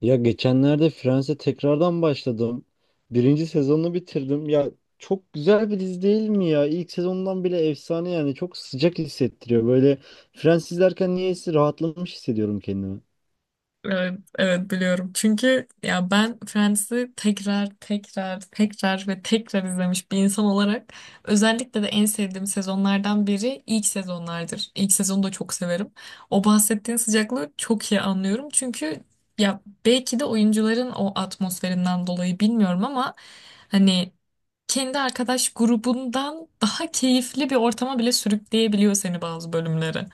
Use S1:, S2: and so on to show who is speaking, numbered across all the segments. S1: Ya geçenlerde Friends'e tekrardan başladım. Birinci sezonunu bitirdim. Ya çok güzel bir dizi değil mi ya? İlk sezondan bile efsane yani. Çok sıcak hissettiriyor. Böyle Friends izlerken niyeyse rahatlamış hissediyorum kendimi.
S2: Evet, evet biliyorum. Çünkü ya ben Friends'i tekrar tekrar ve tekrar izlemiş bir insan olarak özellikle de en sevdiğim sezonlardan biri ilk sezonlardır. İlk sezonu da çok severim. O bahsettiğin sıcaklığı çok iyi anlıyorum. Çünkü ya belki de oyuncuların o atmosferinden dolayı bilmiyorum ama hani kendi arkadaş grubundan daha keyifli bir ortama bile sürükleyebiliyor seni bazı bölümleri.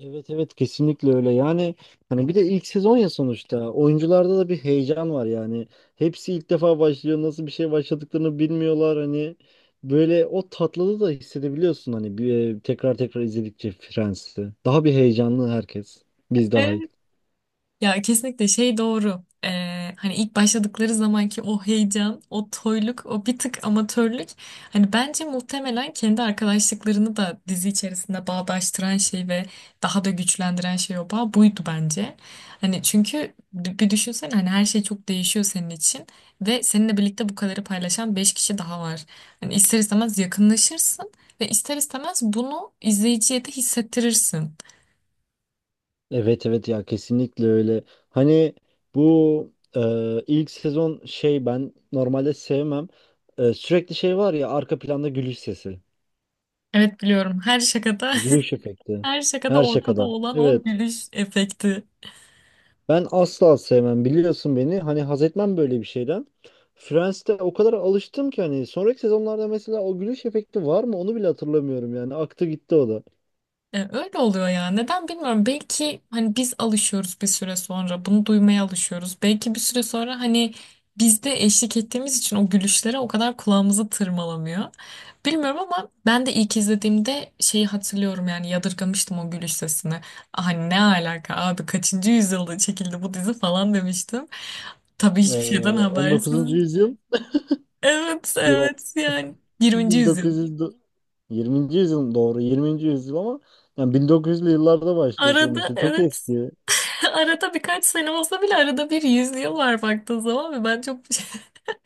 S1: Evet, evet kesinlikle öyle yani, hani bir de ilk sezon ya, sonuçta oyuncularda da bir heyecan var yani, hepsi ilk defa başlıyor, nasıl bir şey başladıklarını bilmiyorlar, hani böyle o tatlılığı da hissedebiliyorsun. Hani bir, tekrar tekrar izledikçe Friends'i daha bir heyecanlı herkes, biz dahil.
S2: Ya kesinlikle şey doğru. Hani ilk başladıkları zamanki o heyecan, o toyluk, o bir tık amatörlük. Hani bence muhtemelen kendi arkadaşlıklarını da dizi içerisinde bağdaştıran şey ve daha da güçlendiren şey o bağ buydu bence. Hani çünkü bir düşünsene hani her şey çok değişiyor senin için ve seninle birlikte bu kadarı paylaşan 5 kişi daha var. Hani ister istemez yakınlaşırsın ve ister istemez bunu izleyiciye de hissettirirsin.
S1: Evet, evet ya kesinlikle öyle. Hani bu ilk sezon şey, ben normalde sevmem. Sürekli şey var ya, arka planda gülüş sesi.
S2: Evet biliyorum, her şakada
S1: Gülüş efekti.
S2: her şakada
S1: Her
S2: ortada
S1: şakadan.
S2: olan o
S1: Evet.
S2: gülüş efekti.
S1: Ben asla sevmem, biliyorsun beni. Hani haz etmem böyle bir şeyden. Friends'te o kadar alıştım ki hani sonraki sezonlarda mesela o gülüş efekti var mı, onu bile hatırlamıyorum yani. Aktı gitti o da.
S2: Öyle oluyor ya. Neden bilmiyorum. Belki hani biz alışıyoruz bir süre sonra. Bunu duymaya alışıyoruz. Belki bir süre sonra hani biz de eşlik ettiğimiz için o gülüşlere o kadar kulağımızı tırmalamıyor. Bilmiyorum ama ben de ilk izlediğimde şeyi hatırlıyorum yani, yadırgamıştım o gülüş sesini. "Ah, hani ne alaka abi, kaçıncı yüzyılda çekildi bu dizi" falan demiştim. Tabii
S1: Ee,
S2: hiçbir şeyden habersiz.
S1: 19. yüzyıl,
S2: Evet
S1: yok,
S2: evet, yani 20. yüzyıl.
S1: 1900, 20. yüzyıl, doğru, 20. yüzyıl ama yani 1900'lü yıllarda başlıyor
S2: Arada
S1: sonuçta. Çok
S2: evet,
S1: eski.
S2: arada birkaç sene olsa bile arada bir yüzüyorlar baktığın zaman, ve ben çok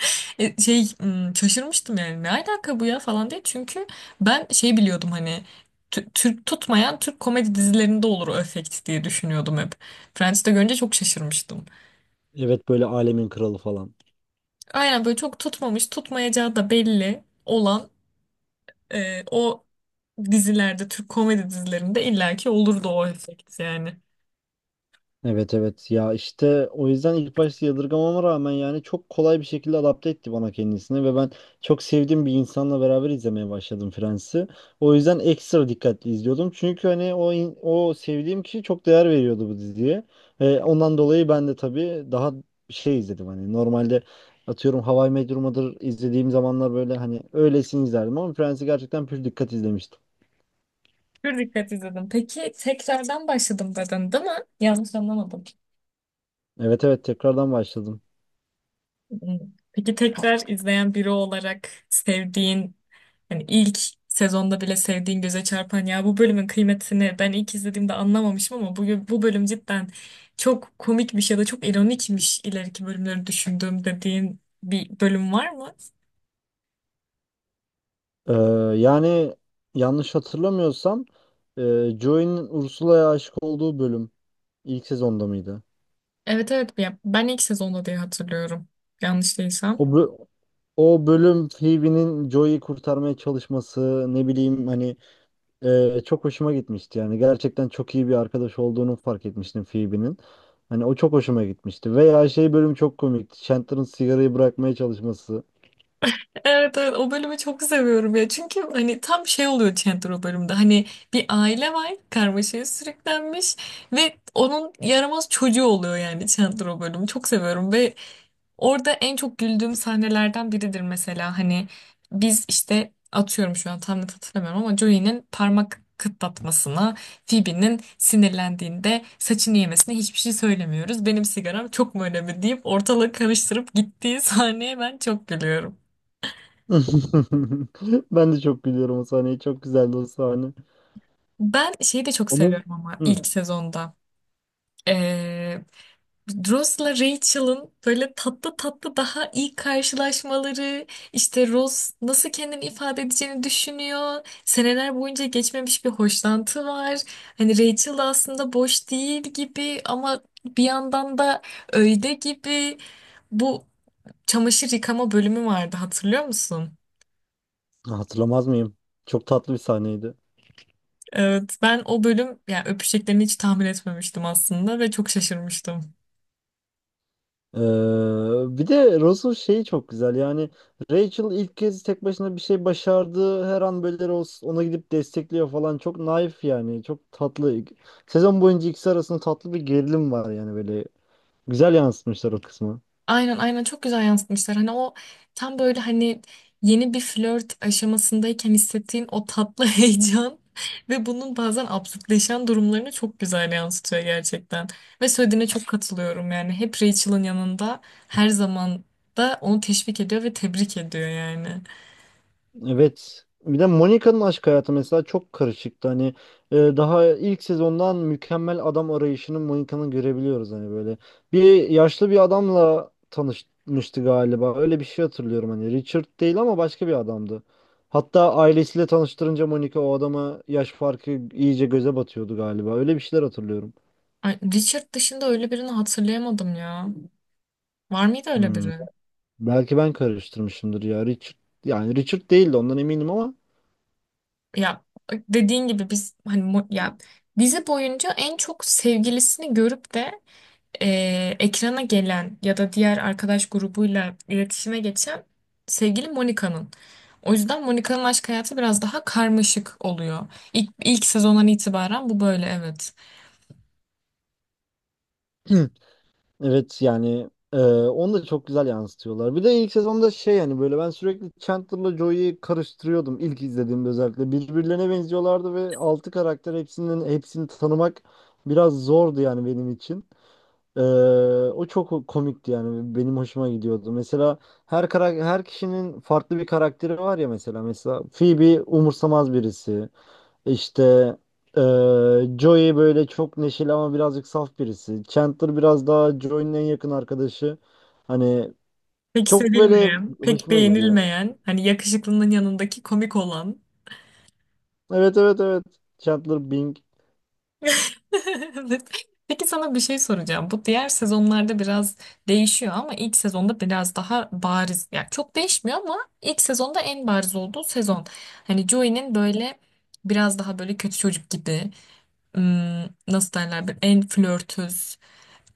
S2: şaşırmıştım yani, ne alaka bu ya falan diye. Çünkü ben şey biliyordum, hani Türk tutmayan Türk komedi dizilerinde olur o efekt diye düşünüyordum hep. Friends'te görünce çok şaşırmıştım.
S1: Evet, böyle alemin kralı falan.
S2: Aynen böyle, çok tutmamış, tutmayacağı da belli olan o dizilerde, Türk komedi dizilerinde illaki olurdu o efekt yani.
S1: Evet, evet ya işte o yüzden ilk başta yadırgamama rağmen yani çok kolay bir şekilde adapte etti bana kendisini ve ben çok sevdiğim bir insanla beraber izlemeye başladım Friends'i. O yüzden ekstra dikkatli izliyordum. Çünkü hani o sevdiğim kişi çok değer veriyordu bu diziye. Ve ondan dolayı ben de tabii daha şey izledim, hani normalde atıyorum How I Met Your Mother izlediğim zamanlar böyle hani öylesini izlerdim ama Friends'i gerçekten pür dikkat izlemiştim.
S2: Pür dikkat izledim. Peki tekrardan başladım dedin, değil mi? Yanlış anlamadım.
S1: Evet, evet tekrardan başladım.
S2: Hmm. Peki, tekrar izleyen biri olarak sevdiğin, hani ilk sezonda bile sevdiğin, göze çarpan, ya bu bölümün kıymetini ben ilk izlediğimde anlamamışım ama bu bölüm cidden çok komikmiş ya da çok ironikmiş ileriki bölümleri düşündüğüm, dediğin bir bölüm var mı?
S1: Ee, Yani yanlış hatırlamıyorsam, Joey'nin Ursula'ya aşık olduğu bölüm ilk sezonda mıydı?
S2: Evet evet, ya ben ilk sezonda diye hatırlıyorum. Yanlış değilsem.
S1: O bö- O bölüm, Phoebe'nin Joey'i kurtarmaya çalışması, ne bileyim hani, çok hoşuma gitmişti. Yani gerçekten çok iyi bir arkadaş olduğunu fark etmiştim Phoebe'nin. Hani o çok hoşuma gitmişti. Veya şey bölüm çok komikti, Chandler'ın sigarayı bırakmaya çalışması.
S2: Evet, evet, o bölümü çok seviyorum ya, çünkü hani tam şey oluyor Chandler o bölümde. Hani bir aile var karmaşaya sürüklenmiş ve onun yaramaz çocuğu oluyor yani Chandler. O bölümü çok seviyorum ve orada en çok güldüğüm sahnelerden biridir mesela. Hani biz işte, atıyorum, şu an tam net hatırlamıyorum ama Joey'nin parmak kıtlatmasına, Phoebe'nin sinirlendiğinde saçını yemesine hiçbir şey söylemiyoruz, benim sigaram çok mu önemli deyip ortalığı karıştırıp gittiği sahneye ben çok gülüyorum.
S1: Ben de çok gülüyorum o sahneye. Çok güzeldi o sahne.
S2: Ben şeyi de çok
S1: Onun.
S2: seviyorum ama ilk sezonda. Ee, Ross'la Rachel'ın böyle tatlı tatlı daha ilk karşılaşmaları, işte Ross nasıl kendini ifade edeceğini düşünüyor. Seneler boyunca geçmemiş bir hoşlantı var. Hani Rachel da aslında boş değil gibi, ama bir yandan da öyle gibi. Bu çamaşır yıkama bölümü vardı, hatırlıyor musun?
S1: Hatırlamaz mıyım? Çok tatlı bir sahneydi.
S2: Evet, ben o bölüm yani öpüşeceklerini hiç tahmin etmemiştim aslında ve çok şaşırmıştım.
S1: Ee, Bir de Ross'un şeyi çok güzel. Yani Rachel ilk kez tek başına bir şey başardı. Her an böyle Ross ona gidip destekliyor falan. Çok naif yani. Çok tatlı. Sezon boyunca ikisi arasında tatlı bir gerilim var yani böyle. Güzel yansıtmışlar o kısmı.
S2: Aynen aynen, çok güzel yansıtmışlar. Hani o tam böyle hani, yeni bir flört aşamasındayken hissettiğin o tatlı heyecan ve bunun bazen absürtleşen durumlarını çok güzel yansıtıyor gerçekten. Ve söylediğine çok katılıyorum yani. Hep Rachel'ın yanında, her zaman da onu teşvik ediyor ve tebrik ediyor yani.
S1: Evet. Bir de Monica'nın aşk hayatı mesela çok karışıktı. Hani daha ilk sezondan mükemmel adam arayışını Monica'nın görebiliyoruz hani böyle. Bir yaşlı bir adamla tanışmıştı galiba. Öyle bir şey hatırlıyorum hani. Richard değil ama başka bir adamdı. Hatta ailesiyle tanıştırınca Monica o adama yaş farkı iyice göze batıyordu galiba. Öyle bir şeyler hatırlıyorum.
S2: Ay, Richard dışında öyle birini hatırlayamadım ya. Var mıydı öyle
S1: Hmm.
S2: biri?
S1: Belki ben karıştırmışımdır ya. Richard, yani Richard değildi ondan eminim ama
S2: Ya, dediğin gibi biz hani ya dizi boyunca en çok sevgilisini görüp de ekrana gelen ya da diğer arkadaş grubuyla iletişime geçen sevgili Monika'nın. O yüzden Monika'nın aşk hayatı biraz daha karmaşık oluyor. İlk sezondan itibaren bu böyle, evet.
S1: evet yani, onu da çok güzel yansıtıyorlar. Bir de ilk sezonda şey yani böyle ben sürekli Chandler'la Joey'yi karıştırıyordum ilk izlediğimde özellikle. Birbirlerine benziyorlardı ve altı karakter, hepsinin hepsini tanımak biraz zordu yani benim için. Ee, O çok komikti yani, benim hoşuma gidiyordu. Mesela her kişinin farklı bir karakteri var ya, mesela mesela Phoebe umursamaz birisi. İşte Joey böyle çok neşeli ama birazcık saf birisi. Chandler biraz daha Joey'nin en yakın arkadaşı. Hani
S2: Pek
S1: çok böyle
S2: sevilmeyen, pek
S1: hoşuma gidiyor.
S2: beğenilmeyen, hani yakışıklının yanındaki komik olan.
S1: Evet, evet, evet. Chandler Bing.
S2: Evet. Peki sana bir şey soracağım. Bu diğer sezonlarda biraz değişiyor ama ilk sezonda biraz daha bariz. Yani çok değişmiyor ama ilk sezonda en bariz olduğu sezon. Hani Joey'nin böyle biraz daha böyle kötü çocuk gibi, nasıl derler, bir en flörtöz,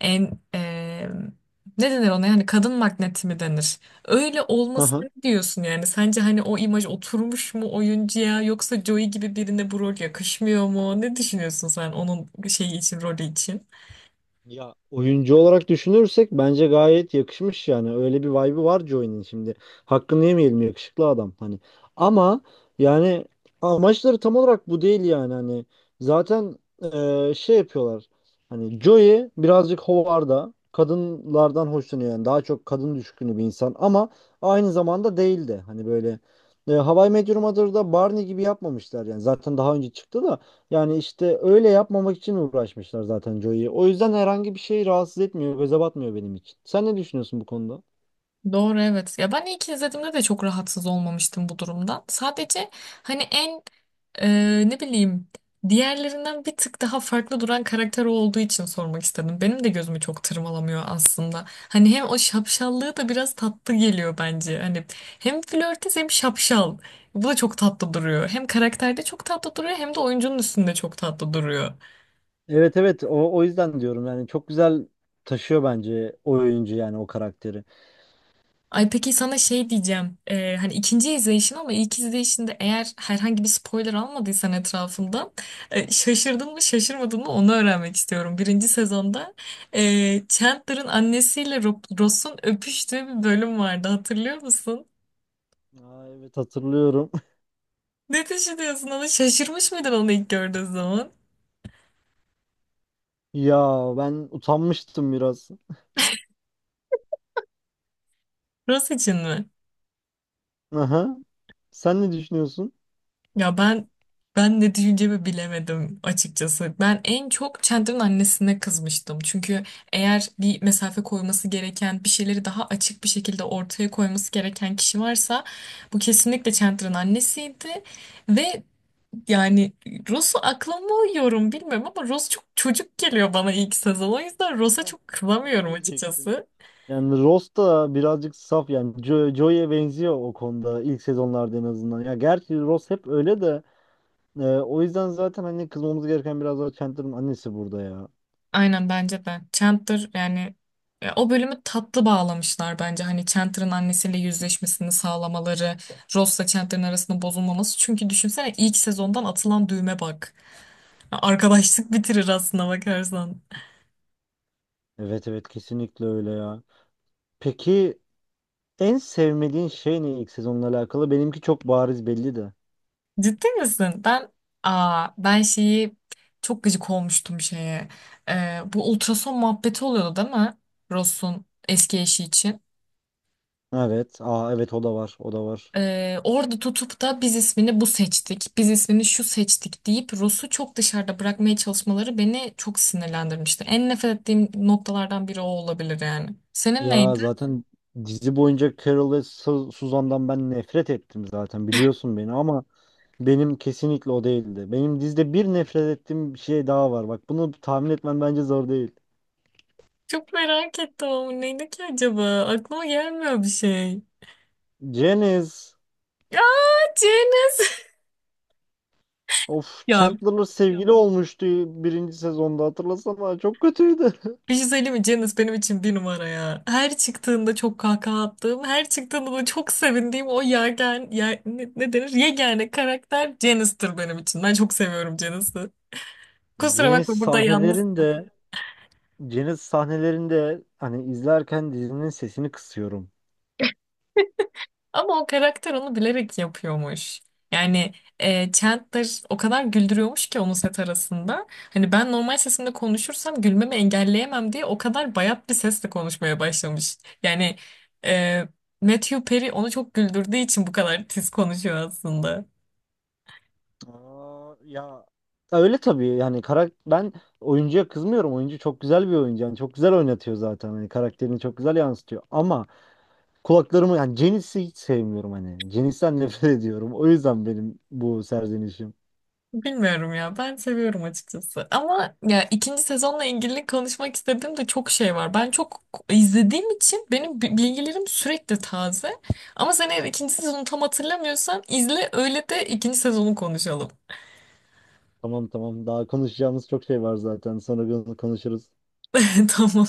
S2: en ne denir ona yani, kadın magneti mi denir? Öyle olmasına ne diyorsun yani? Sence hani o imaj oturmuş mu oyuncuya, yoksa Joey gibi birine bu rol yakışmıyor mu? Ne düşünüyorsun sen onun şeyi için, rolü için?
S1: Ya oyuncu olarak düşünürsek bence gayet yakışmış yani. Öyle bir vibe'ı var Joy'nin şimdi. Hakkını yemeyelim, yakışıklı adam hani. Ama yani amaçları tam olarak bu değil yani hani. Zaten şey yapıyorlar. Hani Joey birazcık hovarda, kadınlardan hoşlanıyor yani. Daha çok kadın düşkünü bir insan ama aynı zamanda değil de, hani böyle How I Met Your Mother'da Barney gibi yapmamışlar yani. Zaten daha önce çıktı da, yani işte öyle yapmamak için uğraşmışlar zaten Joey'yi. O yüzden herhangi bir şey rahatsız etmiyor, göze batmıyor benim için. Sen ne düşünüyorsun bu konuda?
S2: Doğru evet. Ya ben ilk izlediğimde de çok rahatsız olmamıştım bu durumdan. Sadece hani en ne bileyim, diğerlerinden bir tık daha farklı duran karakter o olduğu için sormak istedim. Benim de gözümü çok tırmalamıyor aslında. Hani hem o şapşallığı da biraz tatlı geliyor bence. Hani hem flörtöz hem şapşal. Bu da çok tatlı duruyor. Hem karakterde çok tatlı duruyor, hem de oyuncunun üstünde çok tatlı duruyor.
S1: Evet, evet o yüzden diyorum yani çok güzel taşıyor bence o oyuncu yani o karakteri.
S2: Ay, peki sana şey diyeceğim. Hani ikinci izleyişin, ama ilk izleyişinde eğer herhangi bir spoiler almadıysan etrafından, şaşırdın mı şaşırmadın mı onu öğrenmek istiyorum. Birinci sezonda Chandler'ın annesiyle Ross'un öpüştüğü bir bölüm vardı, hatırlıyor musun?
S1: Aa, evet hatırlıyorum.
S2: Ne düşünüyorsun, onu şaşırmış mıydın onu ilk gördüğün zaman?
S1: Ya ben utanmıştım biraz.
S2: Ross için mi?
S1: Aha. Sen ne düşünüyorsun?
S2: Ya ben, ne diyeceğimi bilemedim açıkçası. Ben en çok Chandler'ın annesine kızmıştım. Çünkü eğer bir mesafe koyması gereken, bir şeyleri daha açık bir şekilde ortaya koyması gereken kişi varsa bu kesinlikle Chandler'ın annesiydi. Ve yani, Ross'u akla mı yorum bilmiyorum, ama Ross çok çocuk geliyor bana ilk sezon. O yüzden Ross'a
S1: Heh,
S2: çok
S1: tam onu
S2: kızamıyorum
S1: diyecektim.
S2: açıkçası.
S1: Yani Ross da birazcık saf yani Joey'e benziyor o konuda, ilk sezonlarda en azından. Ya gerçi Ross hep öyle de. O yüzden zaten hani kızmamız gereken biraz daha Chandler'ın annesi burada ya.
S2: Aynen, bence de. Chandler yani, o bölümü tatlı bağlamışlar bence. Hani Chandler'ın annesiyle yüzleşmesini sağlamaları, Ross'la Chandler'ın arasında bozulmaması. Çünkü düşünsene ilk sezondan atılan düğme bak. Arkadaşlık bitirir aslında bakarsan.
S1: Evet, evet kesinlikle öyle ya. Peki en sevmediğin şey ne ilk sezonla alakalı? Benimki çok bariz belli de.
S2: Ciddi misin? Ben, ben şeyi, çok gıcık olmuştum şeye. Bu ultrason muhabbeti oluyordu değil mi, Ross'un eski eşi için?
S1: Evet. Aa, evet o da var. O da var.
S2: Orada tutup da biz ismini bu seçtik, biz ismini şu seçtik deyip Rus'u çok dışarıda bırakmaya çalışmaları beni çok sinirlendirmişti. En nefret ettiğim noktalardan biri o olabilir yani. Senin
S1: Ya
S2: neydi?
S1: zaten dizi boyunca Carol ve Suzan'dan ben nefret ettim zaten, biliyorsun beni, ama benim kesinlikle o değildi. Benim dizide bir nefret ettiğim bir şey daha var. Bak bunu tahmin etmen bence zor değil.
S2: Çok merak ettim, ama neydi ki acaba? Aklıma gelmiyor bir şey.
S1: Janice.
S2: Ya, Ceniz!
S1: Of,
S2: Ya
S1: Chandler sevgili olmuştu birinci sezonda, hatırlasana çok kötüydü.
S2: bir şey söyleyeyim mi? Ceniz benim için bir numara ya. Her çıktığında çok kahkaha attığım, her çıktığında da çok sevindiğim o yergen, yer, ne, ne denir, yegane karakter Ceniz'tir benim için. Ben çok seviyorum Ceniz'i. Kusura
S1: Janice
S2: bakma, burada yalnız.
S1: sahnelerinde Janice sahnelerinde hani izlerken dizinin sesini kısıyorum.
S2: Ama o karakter onu bilerek yapıyormuş. Yani Chandler o kadar güldürüyormuş ki onu set arasında. Hani ben normal sesimle konuşursam gülmemi engelleyemem diye o kadar bayat bir sesle konuşmaya başlamış. Yani e, Matthew Perry onu çok güldürdüğü için bu kadar tiz konuşuyor aslında.
S1: Aa, ya öyle tabii yani ben oyuncuya kızmıyorum. Oyuncu çok güzel bir oyuncu. Yani çok güzel oynatıyor zaten. Hani karakterini çok güzel yansıtıyor. Ama yani Janice'i hiç sevmiyorum hani. Janice'den nefret ediyorum. O yüzden benim bu serzenişim.
S2: Bilmiyorum ya, ben seviyorum açıkçası. Ama ya ikinci sezonla ilgili konuşmak istediğim de çok şey var. Ben çok izlediğim için benim bilgilerim sürekli taze, ama sen eğer ikinci sezonu tam hatırlamıyorsan izle, öyle de ikinci sezonu konuşalım.
S1: Tamam, tamam, daha konuşacağımız çok şey var zaten. Sonra bunu konuşuruz.
S2: Tamam,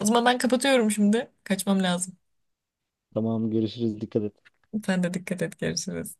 S2: o zaman ben kapatıyorum, şimdi kaçmam lazım.
S1: Tamam, görüşürüz. Dikkat et.
S2: Sen de dikkat et, görüşürüz.